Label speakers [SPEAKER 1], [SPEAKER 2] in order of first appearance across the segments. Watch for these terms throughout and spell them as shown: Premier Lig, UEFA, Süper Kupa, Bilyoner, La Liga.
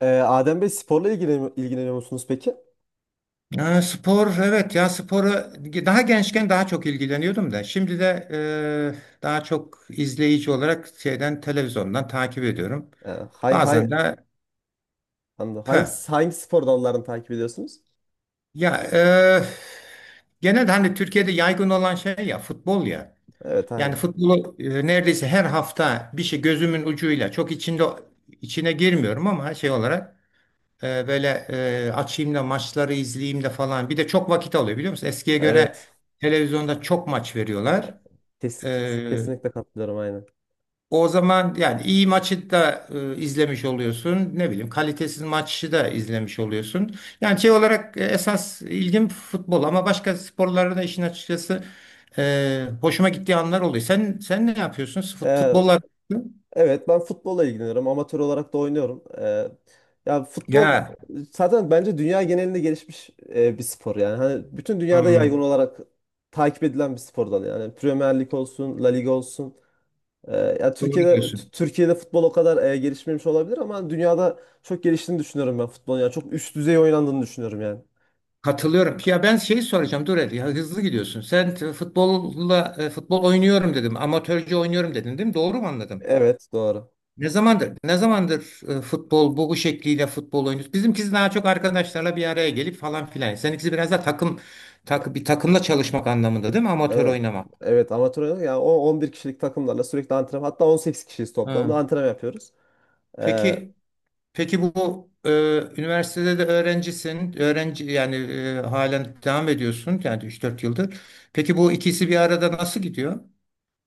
[SPEAKER 1] Adem Bey sporla ilgileniyor musunuz peki?
[SPEAKER 2] Ya spor evet ya spora daha gençken daha çok ilgileniyordum da şimdi de daha çok izleyici olarak şeyden televizyondan takip ediyorum.
[SPEAKER 1] Ee, hangi,
[SPEAKER 2] Bazen
[SPEAKER 1] hangi,
[SPEAKER 2] de
[SPEAKER 1] Anladım.
[SPEAKER 2] pö.
[SPEAKER 1] Hangi spor dallarını takip ediyorsunuz?
[SPEAKER 2] Ya genel hani Türkiye'de yaygın olan şey ya futbol ya.
[SPEAKER 1] Evet,
[SPEAKER 2] Yani
[SPEAKER 1] aynen.
[SPEAKER 2] futbolu neredeyse her hafta bir şey gözümün ucuyla çok içinde içine girmiyorum ama şey olarak böyle açayım da maçları izleyeyim de falan. Bir de çok vakit alıyor biliyor musun? Eskiye göre
[SPEAKER 1] Evet.
[SPEAKER 2] televizyonda çok maç veriyorlar.
[SPEAKER 1] Kesin, kes-
[SPEAKER 2] E,
[SPEAKER 1] kesinlikle katılıyorum, aynen.
[SPEAKER 2] o zaman yani iyi maçı da izlemiş oluyorsun. Ne bileyim kalitesiz maçı da izlemiş oluyorsun. Yani şey olarak esas ilgim futbol ama başka sporlarda da işin açıkçası hoşuma gittiği anlar oluyor. Sen ne yapıyorsun? Fut-
[SPEAKER 1] Ee,
[SPEAKER 2] Futbollar
[SPEAKER 1] evet, ben futbolla ilgileniyorum. Amatör olarak da oynuyorum. Ya futbol
[SPEAKER 2] ya.
[SPEAKER 1] zaten bence dünya genelinde gelişmiş bir spor yani. Hani bütün dünyada yaygın
[SPEAKER 2] Hmm,
[SPEAKER 1] olarak takip edilen bir spor dalı yani. Premier Lig olsun, La Liga olsun. Ya
[SPEAKER 2] doğru
[SPEAKER 1] Türkiye'de
[SPEAKER 2] diyorsun.
[SPEAKER 1] Türkiye'de futbol o kadar gelişmemiş olabilir ama dünyada çok geliştiğini düşünüyorum ben futbolun. Yani çok üst düzey oynandığını düşünüyorum yani.
[SPEAKER 2] Katılıyorum. Ya ben şeyi soracağım. Dur hadi ya hızlı gidiyorsun. Futbolla futbol oynuyorum dedim. Amatörce oynuyorum dedin değil mi? Doğru mu anladım?
[SPEAKER 1] Evet, doğru.
[SPEAKER 2] Ne zamandır futbol bu şekliyle futbol oynuyorsun? Bizimkisi daha çok arkadaşlarla bir araya gelip falan filan. Seninkisi biraz da takım bir takımla çalışmak anlamında değil mi? Amatör
[SPEAKER 1] Evet.
[SPEAKER 2] oynamak.
[SPEAKER 1] Evet, amatör oynadık. Yani o 11 kişilik takımlarla sürekli antrenman, hatta 18 kişiyiz toplamda
[SPEAKER 2] Ha.
[SPEAKER 1] antrenman yapıyoruz. Ee,
[SPEAKER 2] Peki peki bu üniversitede de öğrencisin. Öğrenci yani halen devam ediyorsun. Yani 3-4 yıldır. Peki bu ikisi bir arada nasıl gidiyor?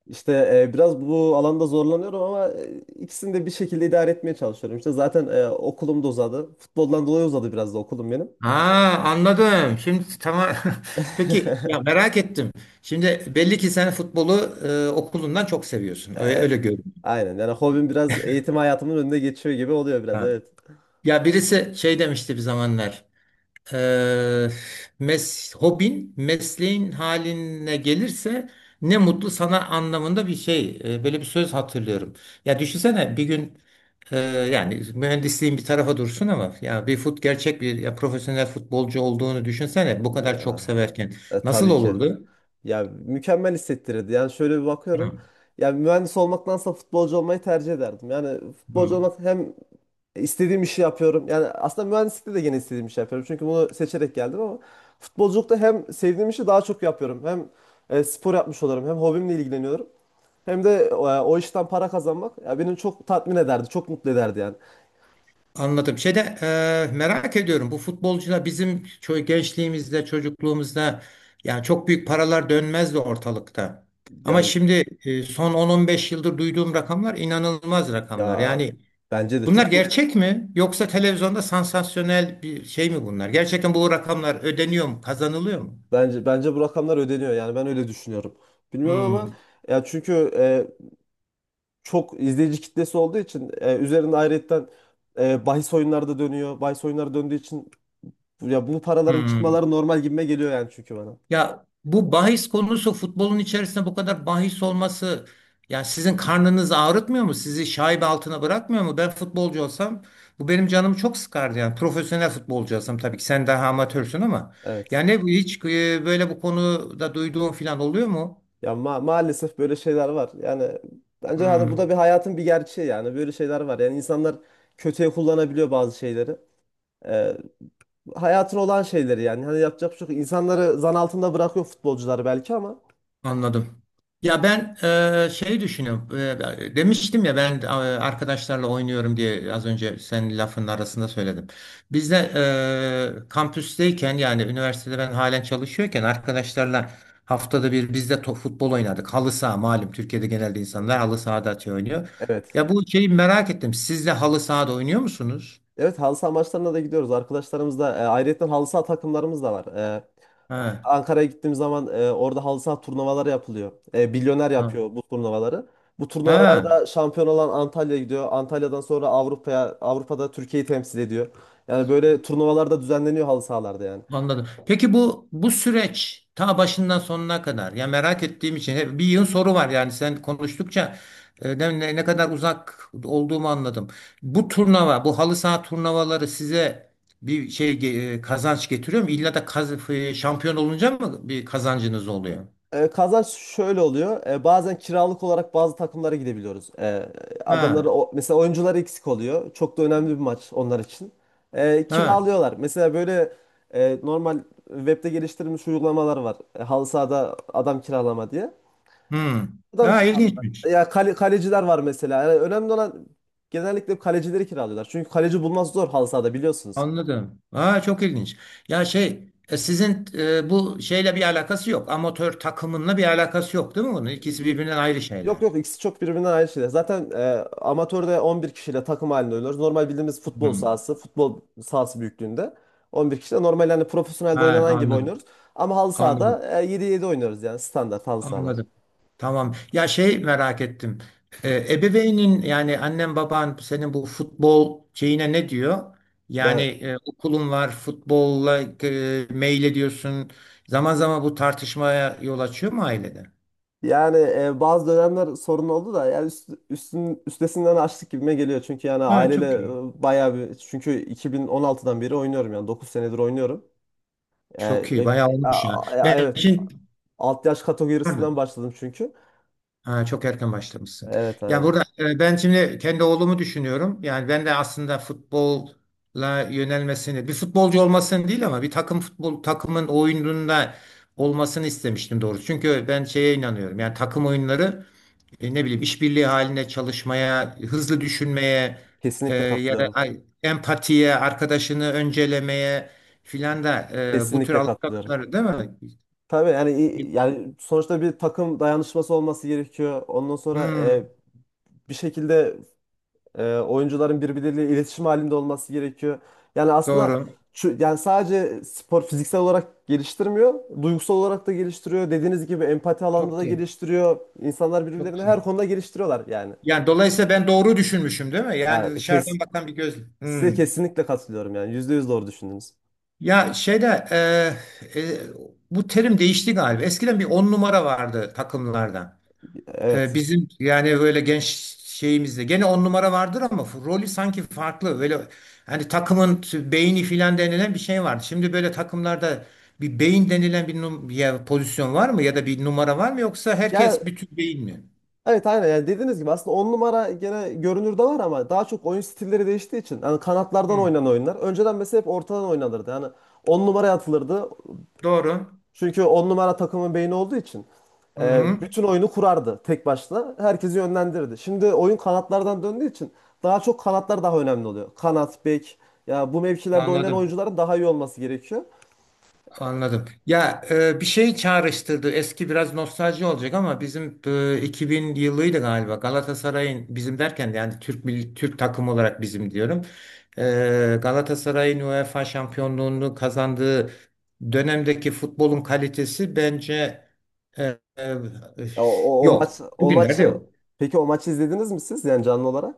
[SPEAKER 1] işte biraz bu alanda zorlanıyorum ama ikisini de bir şekilde idare etmeye çalışıyorum. İşte zaten okulum da uzadı. Futboldan dolayı uzadı biraz da okulum benim.
[SPEAKER 2] Ha, anladım. Şimdi tamam. Peki ya merak ettim. Şimdi belli ki sen futbolu okulundan çok seviyorsun. Öyle,
[SPEAKER 1] E,
[SPEAKER 2] öyle görünüyor.
[SPEAKER 1] aynen, yani hobim biraz eğitim hayatımın önünde geçiyor gibi oluyor biraz,
[SPEAKER 2] Ha.
[SPEAKER 1] evet.
[SPEAKER 2] Ya birisi şey demişti bir zamanlar. Eee hobin mesleğin haline gelirse ne mutlu sana anlamında bir şey. Böyle bir söz hatırlıyorum. Ya düşünsene bir gün eee, yani mühendisliğin bir tarafa dursun ama ya bir gerçek bir ya profesyonel futbolcu olduğunu düşünsene bu kadar çok
[SPEAKER 1] Ya
[SPEAKER 2] severken
[SPEAKER 1] e,
[SPEAKER 2] nasıl
[SPEAKER 1] tabii ki.
[SPEAKER 2] olurdu?
[SPEAKER 1] Ya, mükemmel hissettirirdi. Yani şöyle bir
[SPEAKER 2] Hı.
[SPEAKER 1] bakıyorum. Ya, mühendis olmaktansa futbolcu olmayı tercih ederdim. Yani
[SPEAKER 2] Hı.
[SPEAKER 1] futbolcu olmak hem istediğim işi yapıyorum. Yani aslında mühendislikte de gene istediğim işi yapıyorum. Çünkü bunu seçerek geldim ama futbolculukta hem sevdiğim işi daha çok yapıyorum. Hem spor yapmış olurum, hem hobimle ilgileniyorum. Hem de o işten para kazanmak ya beni çok tatmin ederdi, çok mutlu ederdi yani.
[SPEAKER 2] Anladım. Şeyde merak ediyorum. Bu futbolcular bizim gençliğimizde, çocukluğumuzda yani çok büyük paralar dönmezdi ortalıkta. Ama
[SPEAKER 1] Yani,
[SPEAKER 2] şimdi son 10-15 yıldır duyduğum rakamlar inanılmaz rakamlar.
[SPEAKER 1] ya
[SPEAKER 2] Yani
[SPEAKER 1] bence de
[SPEAKER 2] bunlar
[SPEAKER 1] çok.
[SPEAKER 2] gerçek mi? Yoksa televizyonda sansasyonel bir şey mi bunlar? Gerçekten bu rakamlar ödeniyor mu? Kazanılıyor mu?
[SPEAKER 1] Bence bu rakamlar ödeniyor yani ben öyle düşünüyorum. Bilmiyorum ama
[SPEAKER 2] Hmm,
[SPEAKER 1] ya çünkü çok izleyici kitlesi olduğu için üzerinde ayrıyetten bahis oyunları da dönüyor. Bahis oyunları döndüğü için ya bu paraların
[SPEAKER 2] hmm.
[SPEAKER 1] çıkmaları normal gibime geliyor yani, çünkü bana.
[SPEAKER 2] Ya bu bahis konusu futbolun içerisinde bu kadar bahis olması ya sizin karnınızı ağrıtmıyor mu? Sizi şaibe altına bırakmıyor mu? Ben futbolcu olsam bu benim canımı çok sıkardı yani. Profesyonel futbolcu olsam tabii ki sen daha amatörsün ama
[SPEAKER 1] Evet.
[SPEAKER 2] yani hiç böyle bu konuda duyduğun falan oluyor mu?
[SPEAKER 1] Ya, maalesef böyle şeyler var. Yani bence hani bu da
[SPEAKER 2] Hmm.
[SPEAKER 1] bir hayatın bir gerçeği, yani böyle şeyler var. Yani insanlar kötüye kullanabiliyor bazı şeyleri. E, hayatın olan şeyleri yani. Hani yapacak bir şey yok. İnsanları zan altında bırakıyor futbolcuları belki ama.
[SPEAKER 2] Anladım. Ya ben şey düşünüyorum. Demiştim ya ben arkadaşlarla oynuyorum diye az önce senin lafın arasında söyledim. Biz de kampüsteyken yani üniversitede ben halen çalışıyorken arkadaşlarla haftada bir biz de futbol oynardık. Halı saha malum Türkiye'de genelde insanlar halı sahada şey oynuyor.
[SPEAKER 1] Evet.
[SPEAKER 2] Ya bu şeyi merak ettim. Siz de halı sahada oynuyor musunuz?
[SPEAKER 1] Evet, halı saha maçlarına da gidiyoruz. Arkadaşlarımızla ayrıca halı saha takımlarımız da var. E,
[SPEAKER 2] Ha.
[SPEAKER 1] Ankara'ya gittiğim zaman orada halı saha turnuvaları yapılıyor. Bilyoner
[SPEAKER 2] Ha.
[SPEAKER 1] yapıyor bu turnuvaları. Bu
[SPEAKER 2] Ha.
[SPEAKER 1] turnuvalarda şampiyon olan Antalya gidiyor. Antalya'dan sonra Avrupa'ya, Avrupa'da Türkiye'yi temsil ediyor. Yani böyle turnuvalar da düzenleniyor halı sahalarda yani.
[SPEAKER 2] Anladım. Peki bu süreç ta başından sonuna kadar ya merak ettiğim için hep bir yığın soru var yani sen konuştukça ne kadar uzak olduğumu anladım. Bu turnuva, bu halı saha turnuvaları size bir şey kazanç getiriyor mu? İlla da şampiyon olunca mı bir kazancınız oluyor?
[SPEAKER 1] Kazanç şöyle oluyor. Bazen kiralık olarak bazı takımlara gidebiliyoruz. Adamları
[SPEAKER 2] Ha,
[SPEAKER 1] o, mesela oyuncuları eksik oluyor. Çok da önemli bir maç onlar için. E,
[SPEAKER 2] ha.
[SPEAKER 1] kiralıyorlar. Mesela böyle normal webde geliştirilmiş uygulamalar var. Halı sahada adam kiralama diye.
[SPEAKER 2] Hmm.
[SPEAKER 1] Adam
[SPEAKER 2] Ha,
[SPEAKER 1] kiralıyorlar.
[SPEAKER 2] ilginçmiş.
[SPEAKER 1] Ya, kaleciler var mesela. Yani önemli olan genellikle kalecileri kiralıyorlar. Çünkü kaleci bulması zor halı sahada, biliyorsunuz.
[SPEAKER 2] Anladım. Ha, çok ilginç. Ya şey sizin bu şeyle bir alakası yok. Amatör takımınla bir alakası yok değil mi bunun? İkisi birbirinden ayrı
[SPEAKER 1] Yok,
[SPEAKER 2] şeyler.
[SPEAKER 1] yok, ikisi çok birbirinden ayrı şeyler. Zaten amatörde 11 kişiyle takım halinde oynuyoruz. Normal bildiğimiz futbol
[SPEAKER 2] Hmm.
[SPEAKER 1] sahası, futbol sahası büyüklüğünde 11 kişiyle normal, yani profesyonelde
[SPEAKER 2] Ha,
[SPEAKER 1] oynanan gibi
[SPEAKER 2] anladım.
[SPEAKER 1] oynuyoruz. Ama halı
[SPEAKER 2] Anladım.
[SPEAKER 1] sahada 7-7 oynuyoruz yani standart halı sahalar.
[SPEAKER 2] Anladım. Tamam. Ya şey merak ettim. Ebeveynin yani annen baban senin bu futbol şeyine ne diyor? Yani
[SPEAKER 1] Yani,
[SPEAKER 2] okulun var futbolla mail ediyorsun. Zaman zaman bu tartışmaya yol açıyor mu ailede?
[SPEAKER 1] yani, bazı dönemler sorun oldu da yani üstesinden açtık gibime geliyor. Çünkü yani
[SPEAKER 2] Ha,
[SPEAKER 1] aileyle
[SPEAKER 2] çok iyi.
[SPEAKER 1] bayağı bir çünkü 2016'dan beri oynuyorum, yani 9 senedir oynuyorum. E,
[SPEAKER 2] Çok iyi.
[SPEAKER 1] e,
[SPEAKER 2] Bayağı
[SPEAKER 1] a-
[SPEAKER 2] olmuş ya.
[SPEAKER 1] a-
[SPEAKER 2] Ben
[SPEAKER 1] evet
[SPEAKER 2] şimdi.
[SPEAKER 1] alt yaş kategorisinden
[SPEAKER 2] Pardon.
[SPEAKER 1] başladım çünkü.
[SPEAKER 2] Ha, çok erken başlamışsın.
[SPEAKER 1] Evet,
[SPEAKER 2] Ya
[SPEAKER 1] aynen.
[SPEAKER 2] burada ben şimdi kendi oğlumu düşünüyorum. Yani ben de aslında futbolla yönelmesini, bir futbolcu olmasını değil ama bir takım futbol takımın oyununda olmasını istemiştim doğrusu. Çünkü ben şeye inanıyorum. Yani takım oyunları ne bileyim işbirliği halinde çalışmaya, hızlı düşünmeye
[SPEAKER 1] Kesinlikle
[SPEAKER 2] ya da
[SPEAKER 1] katılıyorum.
[SPEAKER 2] empatiye, arkadaşını öncelemeye filan da bu tür
[SPEAKER 1] Kesinlikle katılıyorum.
[SPEAKER 2] alışkanlıkları değil mi?
[SPEAKER 1] Tabii yani sonuçta bir takım dayanışması olması gerekiyor. Ondan sonra
[SPEAKER 2] Hmm,
[SPEAKER 1] bir şekilde oyuncuların birbirleriyle iletişim halinde olması gerekiyor. Yani aslında
[SPEAKER 2] doğru.
[SPEAKER 1] şu, yani sadece spor fiziksel olarak geliştirmiyor, duygusal olarak da geliştiriyor. Dediğiniz gibi empati alanında da
[SPEAKER 2] Çok iyi.
[SPEAKER 1] geliştiriyor. İnsanlar
[SPEAKER 2] Çok
[SPEAKER 1] birbirlerini
[SPEAKER 2] güzel.
[SPEAKER 1] her konuda geliştiriyorlar yani.
[SPEAKER 2] Yani dolayısıyla ben doğru düşünmüşüm değil mi? Yani
[SPEAKER 1] Ya,
[SPEAKER 2] dışarıdan bakan bir göz.
[SPEAKER 1] size
[SPEAKER 2] Hmm.
[SPEAKER 1] kesinlikle katılıyorum yani. %100 doğru düşündünüz.
[SPEAKER 2] Ya şeyde e, e, bu terim değişti galiba. Eskiden bir 10 numara vardı takımlarda. E,
[SPEAKER 1] Evet.
[SPEAKER 2] bizim yani böyle genç şeyimizde. Gene 10 numara vardır ama rolü sanki farklı. Böyle hani takımın beyni filan denilen bir şey vardı. Şimdi böyle takımlarda bir beyin denilen bir ya pozisyon var mı ya da bir numara var mı yoksa
[SPEAKER 1] Ya,
[SPEAKER 2] herkes bütün beyin mi?
[SPEAKER 1] evet, aynen yani dediğiniz gibi aslında 10 numara gene görünürde var ama daha çok oyun stilleri değiştiği için yani kanatlardan
[SPEAKER 2] Hmm.
[SPEAKER 1] oynanan oyunlar. Önceden mesela hep ortadan oynanırdı. Yani 10 numaraya atılırdı.
[SPEAKER 2] Doğru.
[SPEAKER 1] Çünkü 10 numara takımın beyni olduğu için
[SPEAKER 2] Hı hı.
[SPEAKER 1] bütün oyunu kurardı tek başına. Herkesi yönlendirirdi. Şimdi oyun kanatlardan döndüğü için daha çok kanatlar daha önemli oluyor. Kanat, bek, ya bu mevkilerde oynayan
[SPEAKER 2] Anladım.
[SPEAKER 1] oyuncuların daha iyi olması gerekiyor.
[SPEAKER 2] Anladım. Ya bir şey çağrıştırdı. Eski biraz nostalji olacak ama bizim 2000 yılıydı galiba. Galatasaray'ın bizim derken de yani Türk milli Türk takım olarak
[SPEAKER 1] Hı
[SPEAKER 2] bizim
[SPEAKER 1] hı.
[SPEAKER 2] diyorum. E, Galatasaray'ın UEFA şampiyonluğunu kazandığı dönemdeki futbolun kalitesi bence e, e,
[SPEAKER 1] Ya, o, o, o
[SPEAKER 2] yok.
[SPEAKER 1] maç o
[SPEAKER 2] Bugünlerde
[SPEAKER 1] maçı
[SPEAKER 2] yok.
[SPEAKER 1] peki o maçı izlediniz mi siz, yani canlı olarak?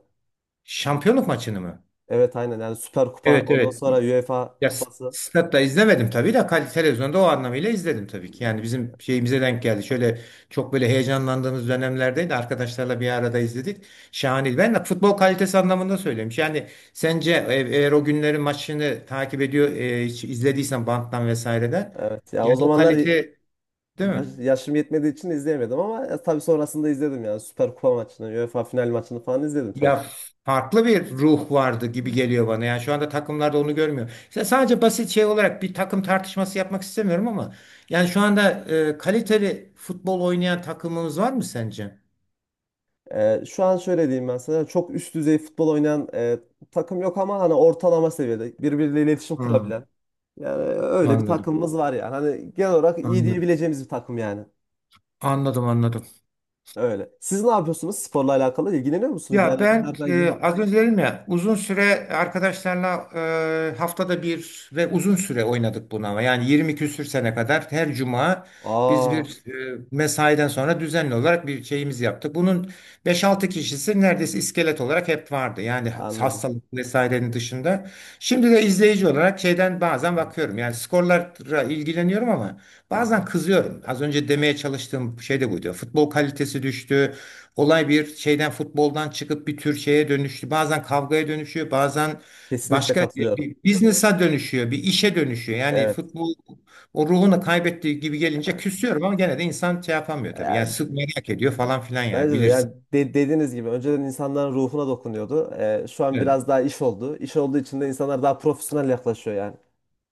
[SPEAKER 2] Şampiyonluk maçını mı?
[SPEAKER 1] Evet, aynen yani Süper Kupa,
[SPEAKER 2] Evet,
[SPEAKER 1] ondan
[SPEAKER 2] evet.
[SPEAKER 1] sonra UEFA
[SPEAKER 2] Ya
[SPEAKER 1] Kupası.
[SPEAKER 2] statta izlemedim tabii de televizyonda o anlamıyla izledim tabii ki. Yani bizim şeyimize denk geldi. Şöyle çok böyle heyecanlandığımız dönemlerdeydi. Arkadaşlarla bir arada izledik. Şahane. Ben de futbol kalitesi anlamında söylemiş. Yani sence eğer o günlerin maçını takip ediyor, hiç izlediysen banttan vesaireden
[SPEAKER 1] Evet, ya o
[SPEAKER 2] yani o
[SPEAKER 1] zamanlar
[SPEAKER 2] kalite değil mi?
[SPEAKER 1] yaşım yetmediği için izleyemedim ama ya, tabii sonrasında izledim yani Süper Kupa maçını, UEFA final maçını falan izledim tabii
[SPEAKER 2] Ya
[SPEAKER 1] ki.
[SPEAKER 2] farklı bir ruh vardı gibi geliyor bana. Yani şu anda takımlarda onu görmüyor. İşte sadece basit şey olarak bir takım tartışması yapmak istemiyorum ama yani şu anda kaliteli futbol oynayan takımımız var mı sence?
[SPEAKER 1] Şu an şöyle diyeyim ben sana, çok üst düzey futbol oynayan takım yok ama hani ortalama seviyede birbiriyle iletişim
[SPEAKER 2] Hmm,
[SPEAKER 1] kurabilen yani öyle bir
[SPEAKER 2] anladım.
[SPEAKER 1] takımımız var yani hani genel olarak iyi
[SPEAKER 2] Anladım.
[SPEAKER 1] diyebileceğimiz bir takım yani,
[SPEAKER 2] Anladım, anladım.
[SPEAKER 1] öyle. Siz ne yapıyorsunuz sporla alakalı, ilgileniyor musunuz
[SPEAKER 2] Ya
[SPEAKER 1] yani
[SPEAKER 2] ben
[SPEAKER 1] herhangi bir...
[SPEAKER 2] az önce dedim ya uzun süre arkadaşlarla haftada bir ve uzun süre oynadık bunu ama yani 20 küsür sene kadar her cuma biz
[SPEAKER 1] Aa,
[SPEAKER 2] bir mesaiden sonra düzenli olarak bir şeyimiz yaptık. Bunun 5-6 kişisi neredeyse iskelet olarak hep vardı yani
[SPEAKER 1] anladım.
[SPEAKER 2] hastalık vesairenin dışında. Şimdi de izleyici olarak şeyden bazen bakıyorum yani skorlara ilgileniyorum ama bazen kızıyorum. Az önce demeye çalıştığım şey de buydu. Futbol kalitesi düştü. Olay bir şeyden futboldan çıkıp bir tür şeye dönüştü. Bazen kavgaya dönüşüyor, bazen
[SPEAKER 1] Kesinlikle
[SPEAKER 2] başka
[SPEAKER 1] katılıyorum.
[SPEAKER 2] bir business'a dönüşüyor, bir işe dönüşüyor. Yani
[SPEAKER 1] Evet.
[SPEAKER 2] futbol o ruhunu kaybettiği gibi gelince
[SPEAKER 1] Yani
[SPEAKER 2] küsüyorum ama gene de insan şey yapamıyor tabii. Yani
[SPEAKER 1] yani,
[SPEAKER 2] sık merak ediyor falan filan yani
[SPEAKER 1] bence de yani
[SPEAKER 2] bilirsin.
[SPEAKER 1] dediğiniz gibi önceden insanların ruhuna dokunuyordu. Şu an
[SPEAKER 2] Evet.
[SPEAKER 1] biraz daha iş oldu. İş olduğu için de insanlar daha profesyonel yaklaşıyor yani.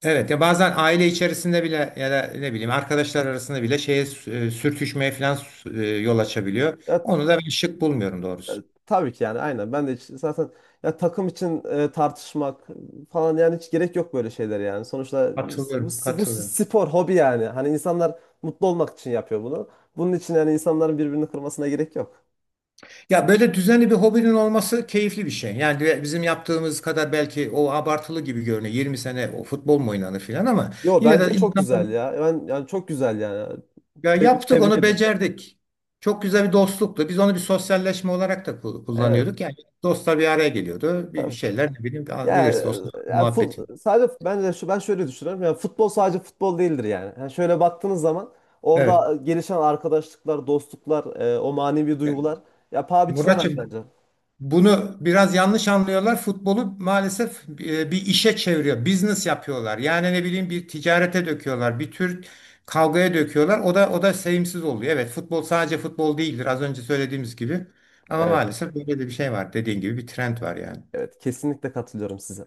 [SPEAKER 2] Evet, ya bazen aile içerisinde bile ya da ne bileyim arkadaşlar arasında bile şeye sürtüşmeye falan yol açabiliyor.
[SPEAKER 1] Ya,
[SPEAKER 2] Onu da ben şık bulmuyorum
[SPEAKER 1] e,
[SPEAKER 2] doğrusu.
[SPEAKER 1] tabii ki yani aynen. Ben de zaten, ya takım için tartışmak falan yani hiç gerek yok böyle şeyler yani. Sonuçta bu,
[SPEAKER 2] Katılıyorum,
[SPEAKER 1] bu bu
[SPEAKER 2] katılıyorum.
[SPEAKER 1] spor, hobi yani. Hani insanlar mutlu olmak için yapıyor bunu. Bunun için yani insanların birbirini kırmasına gerek yok.
[SPEAKER 2] Ya böyle düzenli bir hobinin olması keyifli bir şey. Yani bizim yaptığımız kadar belki o abartılı gibi görünüyor. 20 sene o futbol mu oynanır filan ama
[SPEAKER 1] Yo,
[SPEAKER 2] yine de
[SPEAKER 1] bence çok
[SPEAKER 2] insan
[SPEAKER 1] güzel ya. Ben yani çok güzel yani.
[SPEAKER 2] ya
[SPEAKER 1] Tebrik,
[SPEAKER 2] yaptık
[SPEAKER 1] tebrik
[SPEAKER 2] onu
[SPEAKER 1] ediyorum.
[SPEAKER 2] becerdik. Çok güzel bir dostluktu. Biz onu bir sosyalleşme olarak da
[SPEAKER 1] Evet.
[SPEAKER 2] kullanıyorduk. Yani dostlar bir araya geliyordu. Bir şeyler ne bileyim
[SPEAKER 1] Ya,
[SPEAKER 2] bilirsin dostlar muhabbeti.
[SPEAKER 1] Sadece ben de şu, ben şöyle düşünüyorum. Yani futbol sadece futbol değildir yani. Yani şöyle baktığınız zaman
[SPEAKER 2] Evet.
[SPEAKER 1] orada gelişen arkadaşlıklar, dostluklar, o manevi duygular ya paha biçilemez
[SPEAKER 2] Muratçım,
[SPEAKER 1] bence.
[SPEAKER 2] bunu biraz yanlış anlıyorlar. Futbolu maalesef bir işe çeviriyor. Business yapıyorlar. Yani ne bileyim bir ticarete döküyorlar. Bir tür kavgaya döküyorlar. O da sevimsiz oluyor. Evet, futbol sadece futbol değildir. Az önce söylediğimiz gibi. Ama
[SPEAKER 1] Evet,
[SPEAKER 2] maalesef böyle de bir şey var. Dediğin gibi bir trend var yani.
[SPEAKER 1] evet kesinlikle katılıyorum size.